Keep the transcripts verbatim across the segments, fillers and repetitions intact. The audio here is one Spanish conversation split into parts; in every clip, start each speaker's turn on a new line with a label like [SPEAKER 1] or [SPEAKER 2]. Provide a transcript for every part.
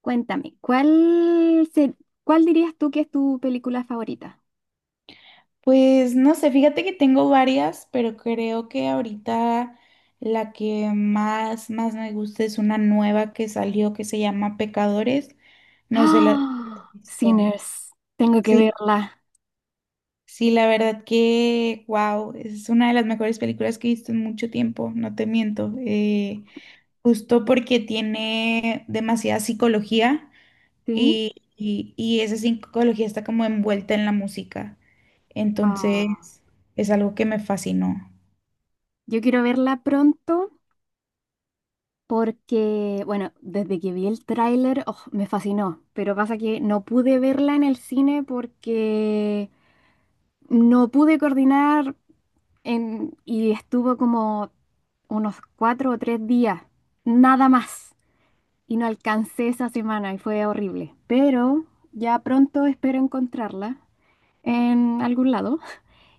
[SPEAKER 1] Cuéntame, ¿cuál, se- cuál dirías tú que es tu película favorita?
[SPEAKER 2] Pues no sé, fíjate que tengo varias, pero creo que ahorita la que más, más me gusta es una nueva que salió que se llama Pecadores. No sé la.
[SPEAKER 1] ¡Ah! Sinners, tengo que
[SPEAKER 2] Sí,
[SPEAKER 1] verla,
[SPEAKER 2] sí, la verdad que, wow, es una de las mejores películas que he visto en mucho tiempo, no te miento. Eh, justo porque tiene demasiada psicología
[SPEAKER 1] ¿sí?
[SPEAKER 2] y, y, y esa psicología está como envuelta en la música.
[SPEAKER 1] Ah,
[SPEAKER 2] Entonces, es algo que me fascinó.
[SPEAKER 1] yo quiero verla pronto porque, bueno, desde que vi el tráiler, oh, me fascinó, pero pasa que no pude verla en el cine porque no pude coordinar en- y estuvo como unos cuatro o tres días, nada más. Y no alcancé esa semana y fue horrible. Pero ya pronto espero encontrarla en algún lado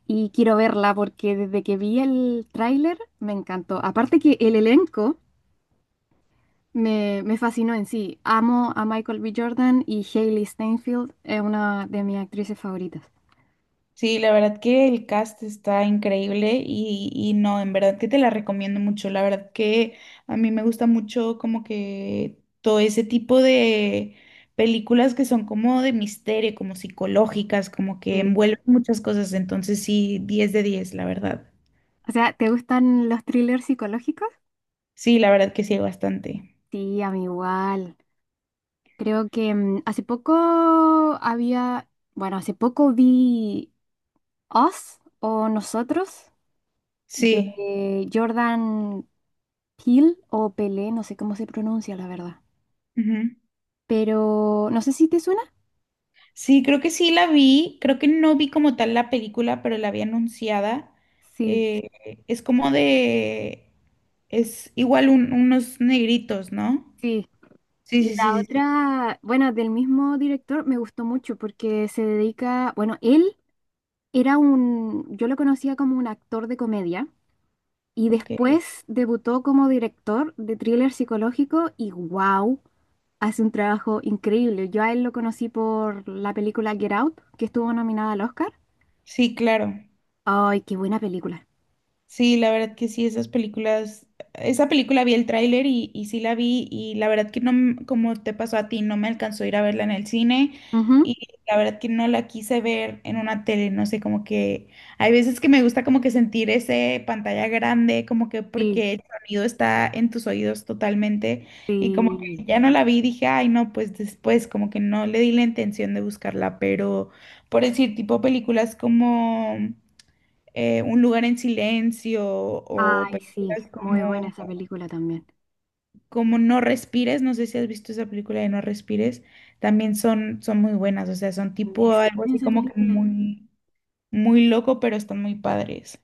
[SPEAKER 1] y quiero verla porque desde que vi el tráiler me encantó. Aparte que el elenco me, me fascinó en sí. Amo a Michael B. Jordan y Hailey Steinfeld es una de mis actrices favoritas.
[SPEAKER 2] Sí, la verdad que el cast está increíble y, y no, en verdad que te la recomiendo mucho. La verdad que a mí me gusta mucho como que todo ese tipo de películas que son como de misterio, como psicológicas, como que
[SPEAKER 1] Sí.
[SPEAKER 2] envuelven muchas cosas. Entonces sí, diez de diez la verdad.
[SPEAKER 1] O sea, ¿te gustan los thrillers psicológicos?
[SPEAKER 2] Sí, la verdad que sí, hay bastante.
[SPEAKER 1] Sí, a mí igual. Creo que mm, hace poco había, bueno, hace poco vi Us o Nosotros
[SPEAKER 2] Sí.
[SPEAKER 1] de Jordan Peele o Pelé, no sé cómo se pronuncia la verdad.
[SPEAKER 2] Ujú.
[SPEAKER 1] Pero no sé si te suena.
[SPEAKER 2] Sí, creo que sí la vi, creo que no vi como tal la película, pero la vi anunciada.
[SPEAKER 1] Sí,
[SPEAKER 2] Eh, es como de, es igual un- unos negritos, ¿no?
[SPEAKER 1] sí.
[SPEAKER 2] Sí,
[SPEAKER 1] Y
[SPEAKER 2] sí,
[SPEAKER 1] la
[SPEAKER 2] sí, sí, sí.
[SPEAKER 1] otra, bueno, del mismo director me gustó mucho porque se dedica, bueno, él era un, yo lo conocía como un actor de comedia y
[SPEAKER 2] Ok,
[SPEAKER 1] después debutó como director de thriller psicológico y wow, hace un trabajo increíble. Yo a él lo conocí por la película Get Out, que estuvo nominada al Oscar.
[SPEAKER 2] sí, claro.
[SPEAKER 1] Ay, qué buena película.
[SPEAKER 2] Sí, la verdad que sí, esas películas, esa película vi el tráiler y, y sí la vi y la verdad que no, m- como te pasó a ti, no me alcanzó a ir a verla en el cine
[SPEAKER 1] Ujú.
[SPEAKER 2] y la verdad que no la quise ver en una tele, no sé, como que hay veces que me gusta como que sentir ese pantalla grande, como que
[SPEAKER 1] Sí,
[SPEAKER 2] porque el sonido está en tus oídos totalmente y como que
[SPEAKER 1] sí.
[SPEAKER 2] ya no la vi, dije, ay no, pues después como que no le di la intención de buscarla, pero por decir tipo películas como eh, Un lugar en silencio o
[SPEAKER 1] Ay, sí,
[SPEAKER 2] películas
[SPEAKER 1] muy
[SPEAKER 2] como,
[SPEAKER 1] buena esa película también.
[SPEAKER 2] como No respires, no sé si has visto esa película de No respires, también son, son muy buenas, o sea, son
[SPEAKER 1] Me
[SPEAKER 2] tipo algo
[SPEAKER 1] suena
[SPEAKER 2] así
[SPEAKER 1] esa
[SPEAKER 2] como que
[SPEAKER 1] película.
[SPEAKER 2] muy, muy loco, pero están muy padres.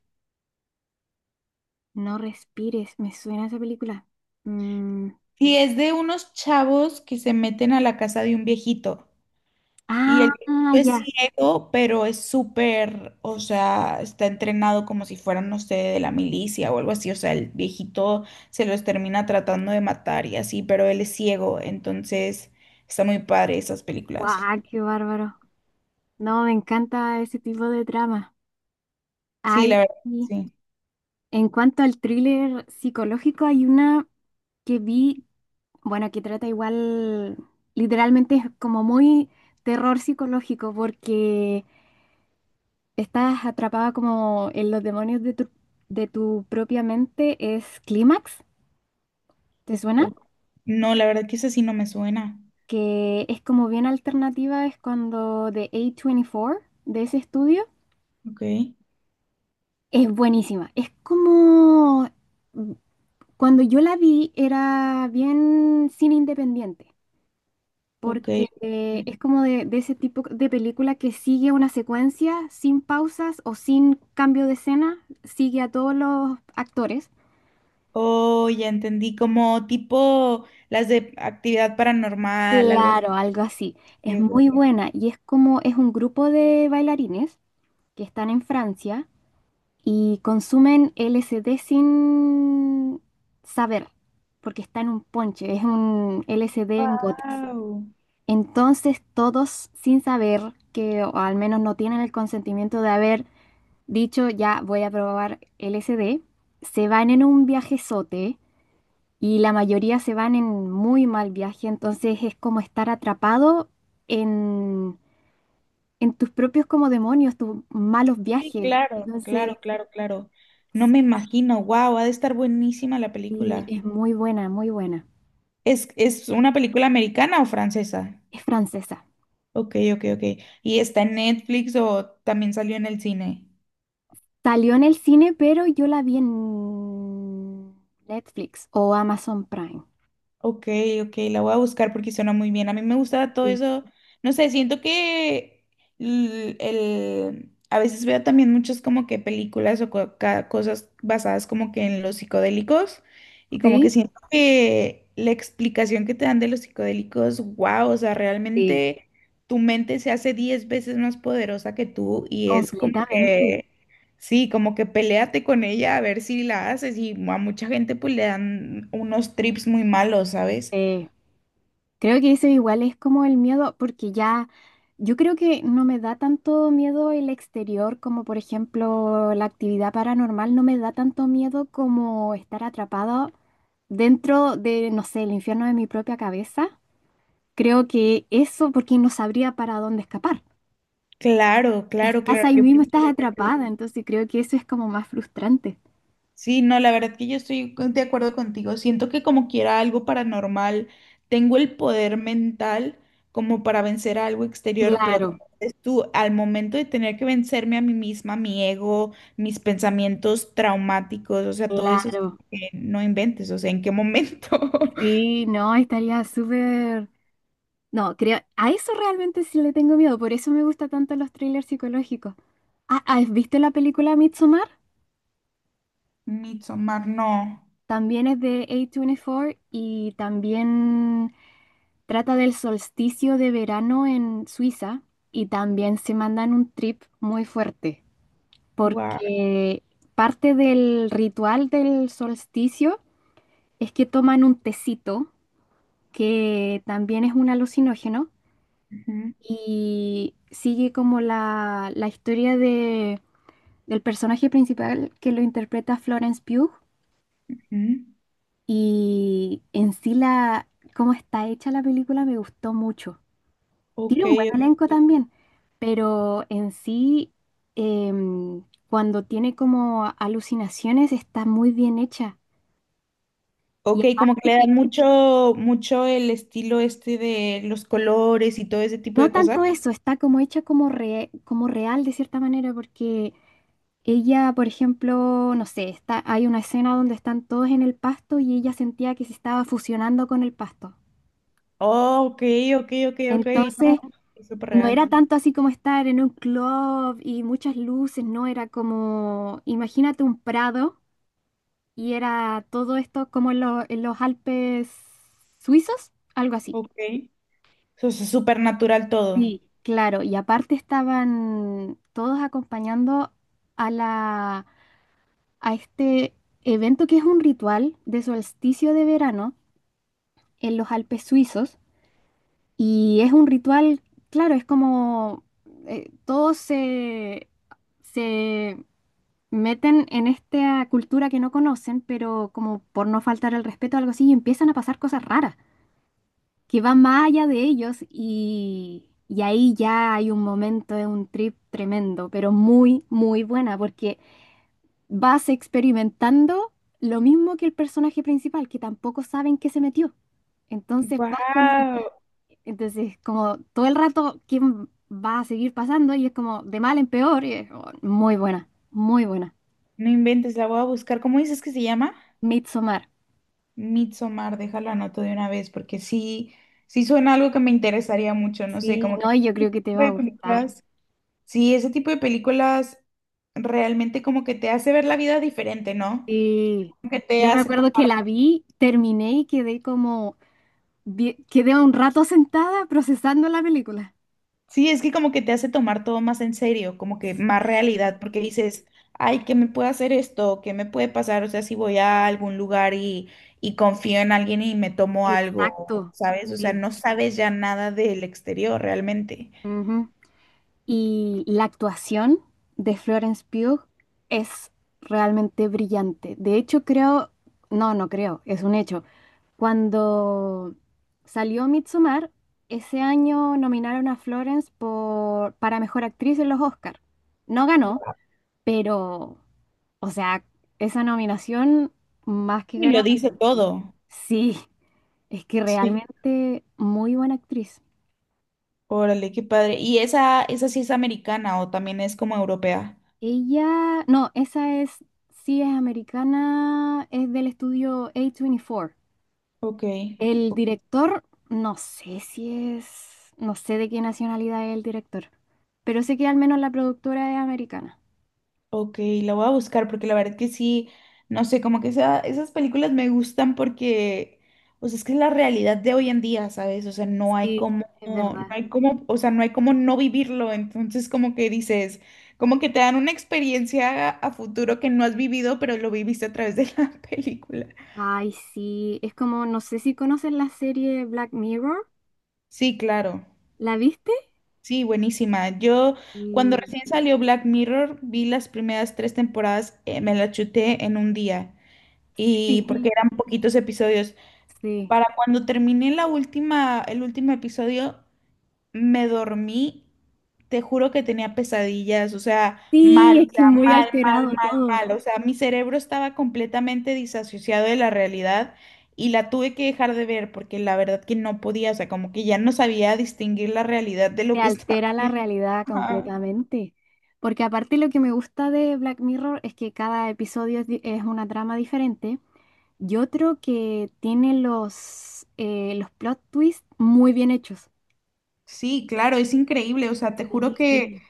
[SPEAKER 1] No respires, me suena esa película. Mm,
[SPEAKER 2] Y es de unos chavos que se meten a la casa de un viejito. Y
[SPEAKER 1] ah,
[SPEAKER 2] el viejito
[SPEAKER 1] ah,
[SPEAKER 2] es
[SPEAKER 1] ya.
[SPEAKER 2] ciego, pero es súper, o sea, está entrenado como si fuera, no sé, de la milicia o algo así. O sea, el viejito se los termina tratando de matar y así, pero él es ciego, entonces está muy padre esas películas.
[SPEAKER 1] Guau, qué bárbaro. No, me encanta ese tipo de trama.
[SPEAKER 2] Sí,
[SPEAKER 1] Ay,
[SPEAKER 2] la verdad,
[SPEAKER 1] sí.
[SPEAKER 2] sí.
[SPEAKER 1] En cuanto al thriller psicológico, hay una que vi, bueno, que trata igual, literalmente es como muy terror psicológico, porque estás atrapada como en los demonios de tu, de tu propia mente es Clímax, ¿te suena?
[SPEAKER 2] O- No, la verdad que esa sí no me suena.
[SPEAKER 1] Que es como bien alternativa, es cuando de A veinticuatro, de ese estudio,
[SPEAKER 2] Ok,
[SPEAKER 1] es buenísima. Es como, mm, cuando yo la vi era bien cine independiente,
[SPEAKER 2] ok,
[SPEAKER 1] porque eh,
[SPEAKER 2] ok.
[SPEAKER 1] es como de, de ese tipo de película que sigue una secuencia sin pausas o sin cambio de escena, sigue a todos los actores.
[SPEAKER 2] Oh, ya entendí, como tipo las de actividad paranormal, algo así.
[SPEAKER 1] Claro, algo así. Es muy buena y es como es un grupo de bailarines que están en Francia y consumen L S D sin saber, porque está en un ponche, es un L S D en gotas.
[SPEAKER 2] Wow.
[SPEAKER 1] Entonces todos sin saber que, o al menos no tienen el consentimiento de haber dicho ya voy a probar L S D, se van en un viajezote y la mayoría se van en muy mal viaje, entonces es como estar atrapado en, en tus propios como demonios, tus malos
[SPEAKER 2] Sí,
[SPEAKER 1] viajes.
[SPEAKER 2] claro, claro,
[SPEAKER 1] Entonces,
[SPEAKER 2] claro, claro. No me imagino, wow, ha de estar buenísima la
[SPEAKER 1] sí,
[SPEAKER 2] película.
[SPEAKER 1] es muy buena, muy buena.
[SPEAKER 2] ¿Es, es una película americana o francesa?
[SPEAKER 1] Es francesa.
[SPEAKER 2] Ok, ok, ok. ¿Y está en Netflix o también salió en el cine?
[SPEAKER 1] Salió en el cine, pero yo la vi en Netflix o Amazon Prime.
[SPEAKER 2] Ok, ok, la voy a buscar porque suena muy bien. A mí me gusta todo
[SPEAKER 1] Sí,
[SPEAKER 2] eso. No sé, siento que l- el, a veces veo también muchas como que películas o co- ca- cosas basadas como que en los psicodélicos y como que
[SPEAKER 1] sí,
[SPEAKER 2] siento que la explicación que te dan de los psicodélicos, wow, o sea,
[SPEAKER 1] sí,
[SPEAKER 2] realmente tu mente se hace diez veces más poderosa que tú y es como
[SPEAKER 1] completamente.
[SPEAKER 2] que. Sí, como que peleate con ella a ver si la haces y a mucha gente pues le dan unos trips muy malos, ¿sabes?
[SPEAKER 1] Sí. Creo que eso igual es como el miedo, porque ya yo creo que no me da tanto miedo el exterior como por ejemplo la actividad paranormal, no me da tanto miedo como estar atrapado dentro de, no sé, el infierno de mi propia cabeza. Creo que eso porque no sabría para dónde escapar.
[SPEAKER 2] Claro, claro,
[SPEAKER 1] Estás
[SPEAKER 2] claro.
[SPEAKER 1] ahí
[SPEAKER 2] Yo
[SPEAKER 1] mismo,
[SPEAKER 2] pienso
[SPEAKER 1] estás
[SPEAKER 2] igual que tú.
[SPEAKER 1] atrapada, entonces creo que eso es como más frustrante.
[SPEAKER 2] Sí, no, la verdad que yo estoy con- de acuerdo contigo. Siento que como quiera algo paranormal, tengo el poder mental como para vencer a algo exterior, pero como
[SPEAKER 1] Claro,
[SPEAKER 2] dices tú, al momento de tener que vencerme a mí misma, mi ego, mis pensamientos traumáticos, o sea, todo eso es como
[SPEAKER 1] claro.
[SPEAKER 2] que no inventes, o sea, ¿en qué momento?
[SPEAKER 1] Sí, no, estaría súper. No, creo, a eso realmente sí le tengo miedo, por eso me gustan tanto los thrillers psicológicos. Ah, ah, ¿viste la película Midsommar?
[SPEAKER 2] Midsommar, no.
[SPEAKER 1] También es de A veinticuatro y también trata del solsticio de verano en Suiza y también se mandan un trip muy fuerte
[SPEAKER 2] Wow,
[SPEAKER 1] porque parte del ritual del solsticio es que toman un tecito que también es un alucinógeno
[SPEAKER 2] ujú,
[SPEAKER 1] y sigue como la, la historia de del personaje principal que lo interpreta Florence Pugh
[SPEAKER 2] ujú.
[SPEAKER 1] y en sí la cómo está hecha la película me gustó mucho.
[SPEAKER 2] Ok,
[SPEAKER 1] Tiene un buen elenco
[SPEAKER 2] ok.
[SPEAKER 1] también, pero en sí em, cuando tiene como alucinaciones está muy bien hecha. Y
[SPEAKER 2] Ok, como
[SPEAKER 1] aparte
[SPEAKER 2] que le
[SPEAKER 1] que
[SPEAKER 2] dan mucho, mucho el estilo este de los colores y todo ese tipo
[SPEAKER 1] no
[SPEAKER 2] de cosas.
[SPEAKER 1] tanto eso, está como hecha como, re- como real de cierta manera porque ella, por ejemplo, no sé, está, hay una escena donde están todos en el pasto y ella sentía que se estaba fusionando con el pasto.
[SPEAKER 2] Oh, ok, ok, ok, ok, no,
[SPEAKER 1] Entonces,
[SPEAKER 2] es súper
[SPEAKER 1] no
[SPEAKER 2] real.
[SPEAKER 1] era tanto así como estar en un club y muchas luces, no, era como, imagínate un prado y era todo esto como en, lo- en los Alpes suizos, algo así.
[SPEAKER 2] Ok, eso es súper natural todo.
[SPEAKER 1] Sí. Claro, y aparte estaban todos acompañando a la, a este evento que es un ritual de solsticio de verano en los Alpes suizos. Y es un ritual, claro, es como eh, todos se, se meten en esta cultura que no conocen, pero como por no faltar el respeto o algo así, y empiezan a pasar cosas raras que van más allá de ellos y, y ahí ya hay un momento de un trip tremendo, pero muy, muy buena, porque vas experimentando lo mismo que el personaje principal, que tampoco saben qué se metió. Entonces vas
[SPEAKER 2] Wow,
[SPEAKER 1] con ella. Entonces, como todo el rato, ¿quién va a seguir pasando? Y es como de mal en peor. Y es, oh, muy buena, muy buena.
[SPEAKER 2] no inventes, la voy a buscar. ¿Cómo dices que se llama?
[SPEAKER 1] Midsommar.
[SPEAKER 2] Midsommar, déjalo anoto de una vez, porque sí, sí suena algo que me interesaría mucho, no sé,
[SPEAKER 1] Sí,
[SPEAKER 2] como que
[SPEAKER 1] no, y yo creo que te va a
[SPEAKER 2] hay
[SPEAKER 1] gustar.
[SPEAKER 2] películas. Sí, ese tipo de películas realmente como que te hace ver la vida diferente, ¿no?
[SPEAKER 1] Sí.
[SPEAKER 2] Como que te
[SPEAKER 1] Yo me
[SPEAKER 2] hace
[SPEAKER 1] acuerdo que
[SPEAKER 2] tomar,
[SPEAKER 1] la vi, terminé y quedé como, die- quedé un rato sentada procesando la película.
[SPEAKER 2] sí, es que como que te hace tomar todo más en serio, como que más realidad, porque dices, ay, ¿qué me puede hacer esto? ¿Qué me puede pasar? O sea, si voy a algún lugar y, y confío en alguien y me tomo algo,
[SPEAKER 1] Exacto,
[SPEAKER 2] ¿sabes? O sea,
[SPEAKER 1] sí.
[SPEAKER 2] no sabes ya nada del exterior realmente.
[SPEAKER 1] Ujú. Y la actuación de Florence Pugh es realmente brillante. De hecho, creo, no, no creo, es un hecho. Cuando salió Midsommar, ese año nominaron a Florence por, para mejor actriz en los Oscars. No ganó, pero, o sea, esa nominación más que
[SPEAKER 2] Y lo
[SPEAKER 1] ganada.
[SPEAKER 2] dice
[SPEAKER 1] Porque
[SPEAKER 2] todo.
[SPEAKER 1] sí, es que
[SPEAKER 2] Sí.
[SPEAKER 1] realmente muy buena actriz.
[SPEAKER 2] Órale, qué padre. ¿Y esa, esa sí es americana o también es como europea?
[SPEAKER 1] Ella, no, esa es, sí es americana, es del estudio A veinticuatro.
[SPEAKER 2] Ok,
[SPEAKER 1] El director, no sé si es, no sé de qué nacionalidad es el director, pero sé que al menos la productora es americana.
[SPEAKER 2] ok, la voy a buscar porque la verdad que sí, no sé, como que esa- esas películas me gustan porque, o sea, es que es la realidad de hoy en día, ¿sabes? O sea, no hay
[SPEAKER 1] Sí,
[SPEAKER 2] como,
[SPEAKER 1] es
[SPEAKER 2] no
[SPEAKER 1] verdad.
[SPEAKER 2] hay como, o sea, no hay como no vivirlo, entonces como que dices, como que te dan una experiencia a futuro que no has vivido, pero lo viviste a través de la película.
[SPEAKER 1] Ay, sí, es como, no sé si conoces la serie Black Mirror,
[SPEAKER 2] Sí, claro.
[SPEAKER 1] ¿la viste?
[SPEAKER 2] Sí, buenísima. Yo cuando
[SPEAKER 1] Sí.
[SPEAKER 2] recién salió Black Mirror, vi las primeras tres temporadas, eh, me las chuté en un día y porque
[SPEAKER 1] Sí,
[SPEAKER 2] eran poquitos episodios.
[SPEAKER 1] sí.
[SPEAKER 2] Para cuando terminé la última, el último episodio, me dormí, te juro que tenía pesadillas, o sea,
[SPEAKER 1] Sí,
[SPEAKER 2] mal,
[SPEAKER 1] es
[SPEAKER 2] o sea,
[SPEAKER 1] que muy
[SPEAKER 2] mal, mal,
[SPEAKER 1] alterado
[SPEAKER 2] mal,
[SPEAKER 1] todo.
[SPEAKER 2] mal, o sea, mi cerebro estaba completamente disasociado de la realidad y la tuve que dejar de ver porque la verdad que no podía, o sea, como que ya no sabía distinguir la realidad de lo
[SPEAKER 1] Te
[SPEAKER 2] que estaba
[SPEAKER 1] altera la
[SPEAKER 2] viendo.
[SPEAKER 1] realidad
[SPEAKER 2] Ajá.
[SPEAKER 1] completamente. Porque aparte lo que me gusta de Black Mirror es que cada episodio es, di- es una trama diferente. Y otro que tiene los, eh, los plot twists muy bien hechos.
[SPEAKER 2] Sí, claro, es increíble, o sea, te juro que
[SPEAKER 1] Sí.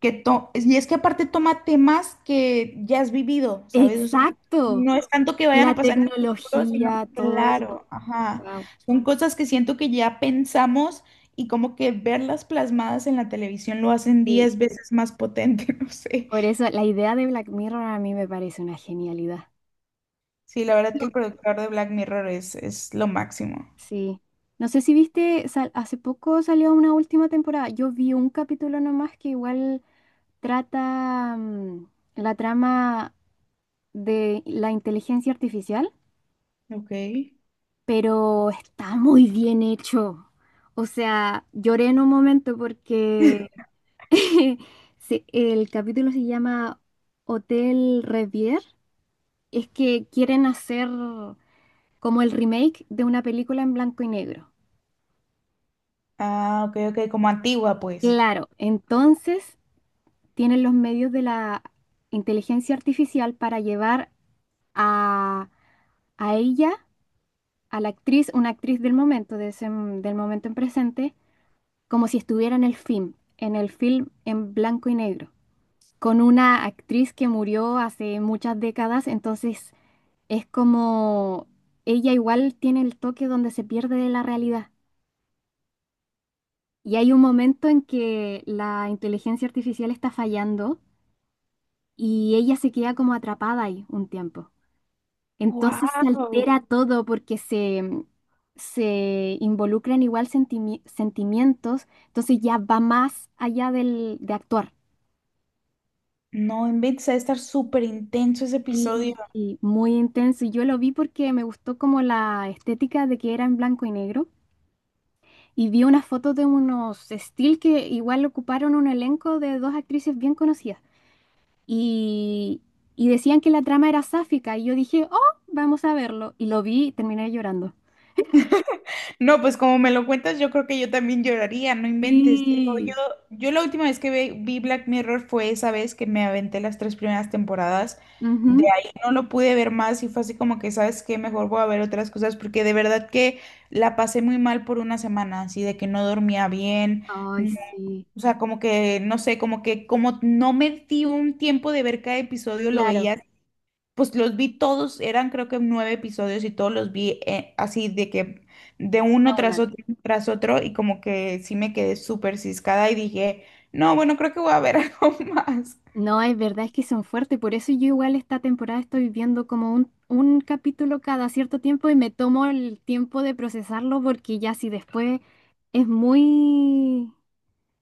[SPEAKER 2] que to- y es que aparte toma temas que ya has vivido, ¿sabes? O sea,
[SPEAKER 1] Exacto.
[SPEAKER 2] no es tanto que vayan
[SPEAKER 1] La
[SPEAKER 2] a pasar en el futuro, sino,
[SPEAKER 1] tecnología, todo
[SPEAKER 2] claro,
[SPEAKER 1] eso.
[SPEAKER 2] ajá,
[SPEAKER 1] Wow.
[SPEAKER 2] son cosas que siento que ya pensamos y como que verlas plasmadas en la televisión lo hacen
[SPEAKER 1] Sí.
[SPEAKER 2] diez veces más potente, no sé.
[SPEAKER 1] Por eso la idea de Black Mirror a mí me parece una genialidad.
[SPEAKER 2] Sí, la verdad que el productor de Black Mirror es, es lo máximo.
[SPEAKER 1] Sí. No sé si viste, sal- hace poco salió una última temporada. Yo vi un capítulo nomás que igual trata mm, la trama de la inteligencia artificial.
[SPEAKER 2] Ok.
[SPEAKER 1] Pero está muy bien hecho. O sea, lloré en un momento porque se- el capítulo se llama Hotel Revier. Es que quieren hacer como el remake de una película en blanco y negro.
[SPEAKER 2] Ah, ok, ok, como antigua, pues.
[SPEAKER 1] Claro, entonces tienen los medios de la inteligencia artificial para llevar a, a ella, a la actriz, una actriz del momento, de ese- del momento en presente como si estuviera en el film, en el film en blanco y negro, con una actriz que murió hace muchas décadas, entonces es como ella igual tiene el toque donde se pierde de la realidad. Y hay un momento en que la inteligencia artificial está fallando y ella se queda como atrapada ahí un tiempo. Entonces se
[SPEAKER 2] Wow.
[SPEAKER 1] altera todo porque se, se involucran igual sentimi- sentimientos, entonces ya va más allá del, de actuar.
[SPEAKER 2] No, inventes, a estar súper intenso ese episodio.
[SPEAKER 1] Y, y muy intenso. Y yo lo vi porque me gustó como la estética de que era en blanco y negro. Y vi unas fotos de unos still que igual ocuparon un elenco de dos actrices bien conocidas. Y, y decían que la trama era sáfica. Y yo dije, oh, vamos a verlo. Y lo vi y terminé llorando.
[SPEAKER 2] No, pues como me lo cuentas, yo creo que yo también lloraría, no inventes. Digo, yo,
[SPEAKER 1] Sí.
[SPEAKER 2] yo la última vez que ve- vi Black Mirror fue esa vez que me aventé las tres primeras temporadas. De
[SPEAKER 1] Ujú.
[SPEAKER 2] ahí no lo pude ver más y fue así como que, ¿sabes qué? Mejor voy a ver otras cosas porque de verdad que la pasé muy mal por una semana, así de que no dormía bien,
[SPEAKER 1] Ay,
[SPEAKER 2] no-
[SPEAKER 1] sí.
[SPEAKER 2] o sea, como que, no sé, como que como no me di un tiempo de ver cada episodio, lo
[SPEAKER 1] Claro,
[SPEAKER 2] veía pues los vi todos, eran creo que nueve episodios y todos los vi eh, así de que de uno
[SPEAKER 1] era
[SPEAKER 2] tras
[SPEAKER 1] una.
[SPEAKER 2] otro tras otro y como que sí me quedé súper ciscada y dije, no, bueno, creo que voy a ver algo más.
[SPEAKER 1] No, es verdad, es que son fuertes, por eso yo igual esta temporada estoy viendo como un, un capítulo cada cierto tiempo y me tomo el tiempo de procesarlo porque ya si después es muy,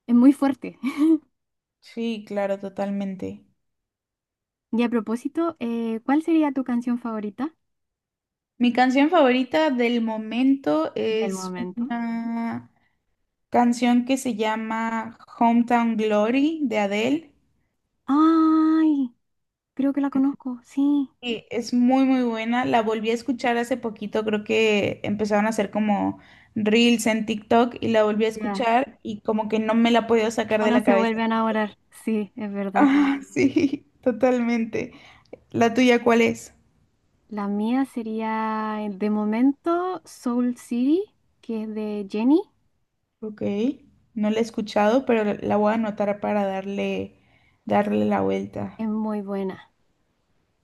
[SPEAKER 1] es muy fuerte.
[SPEAKER 2] Sí, claro, totalmente.
[SPEAKER 1] Y a propósito, eh, ¿cuál sería tu canción favorita
[SPEAKER 2] Mi canción favorita del momento
[SPEAKER 1] del
[SPEAKER 2] es
[SPEAKER 1] momento?
[SPEAKER 2] una canción que se llama Hometown Glory de Adele.
[SPEAKER 1] Ay, creo que la conozco, sí.
[SPEAKER 2] Sí, es muy muy buena. La volví a escuchar hace poquito, creo que empezaron a hacer como reels en TikTok y la volví a
[SPEAKER 1] Ya,
[SPEAKER 2] escuchar y como que no me la he podido sacar de
[SPEAKER 1] uno
[SPEAKER 2] la
[SPEAKER 1] se
[SPEAKER 2] cabeza.
[SPEAKER 1] vuelve a enamorar, sí, es verdad.
[SPEAKER 2] Ah, sí, totalmente. ¿La tuya cuál es?
[SPEAKER 1] La mía sería de momento Soul City, que es de Jenny,
[SPEAKER 2] Ok, no la he escuchado, pero la voy a anotar para darle, darle la vuelta.
[SPEAKER 1] es muy buena.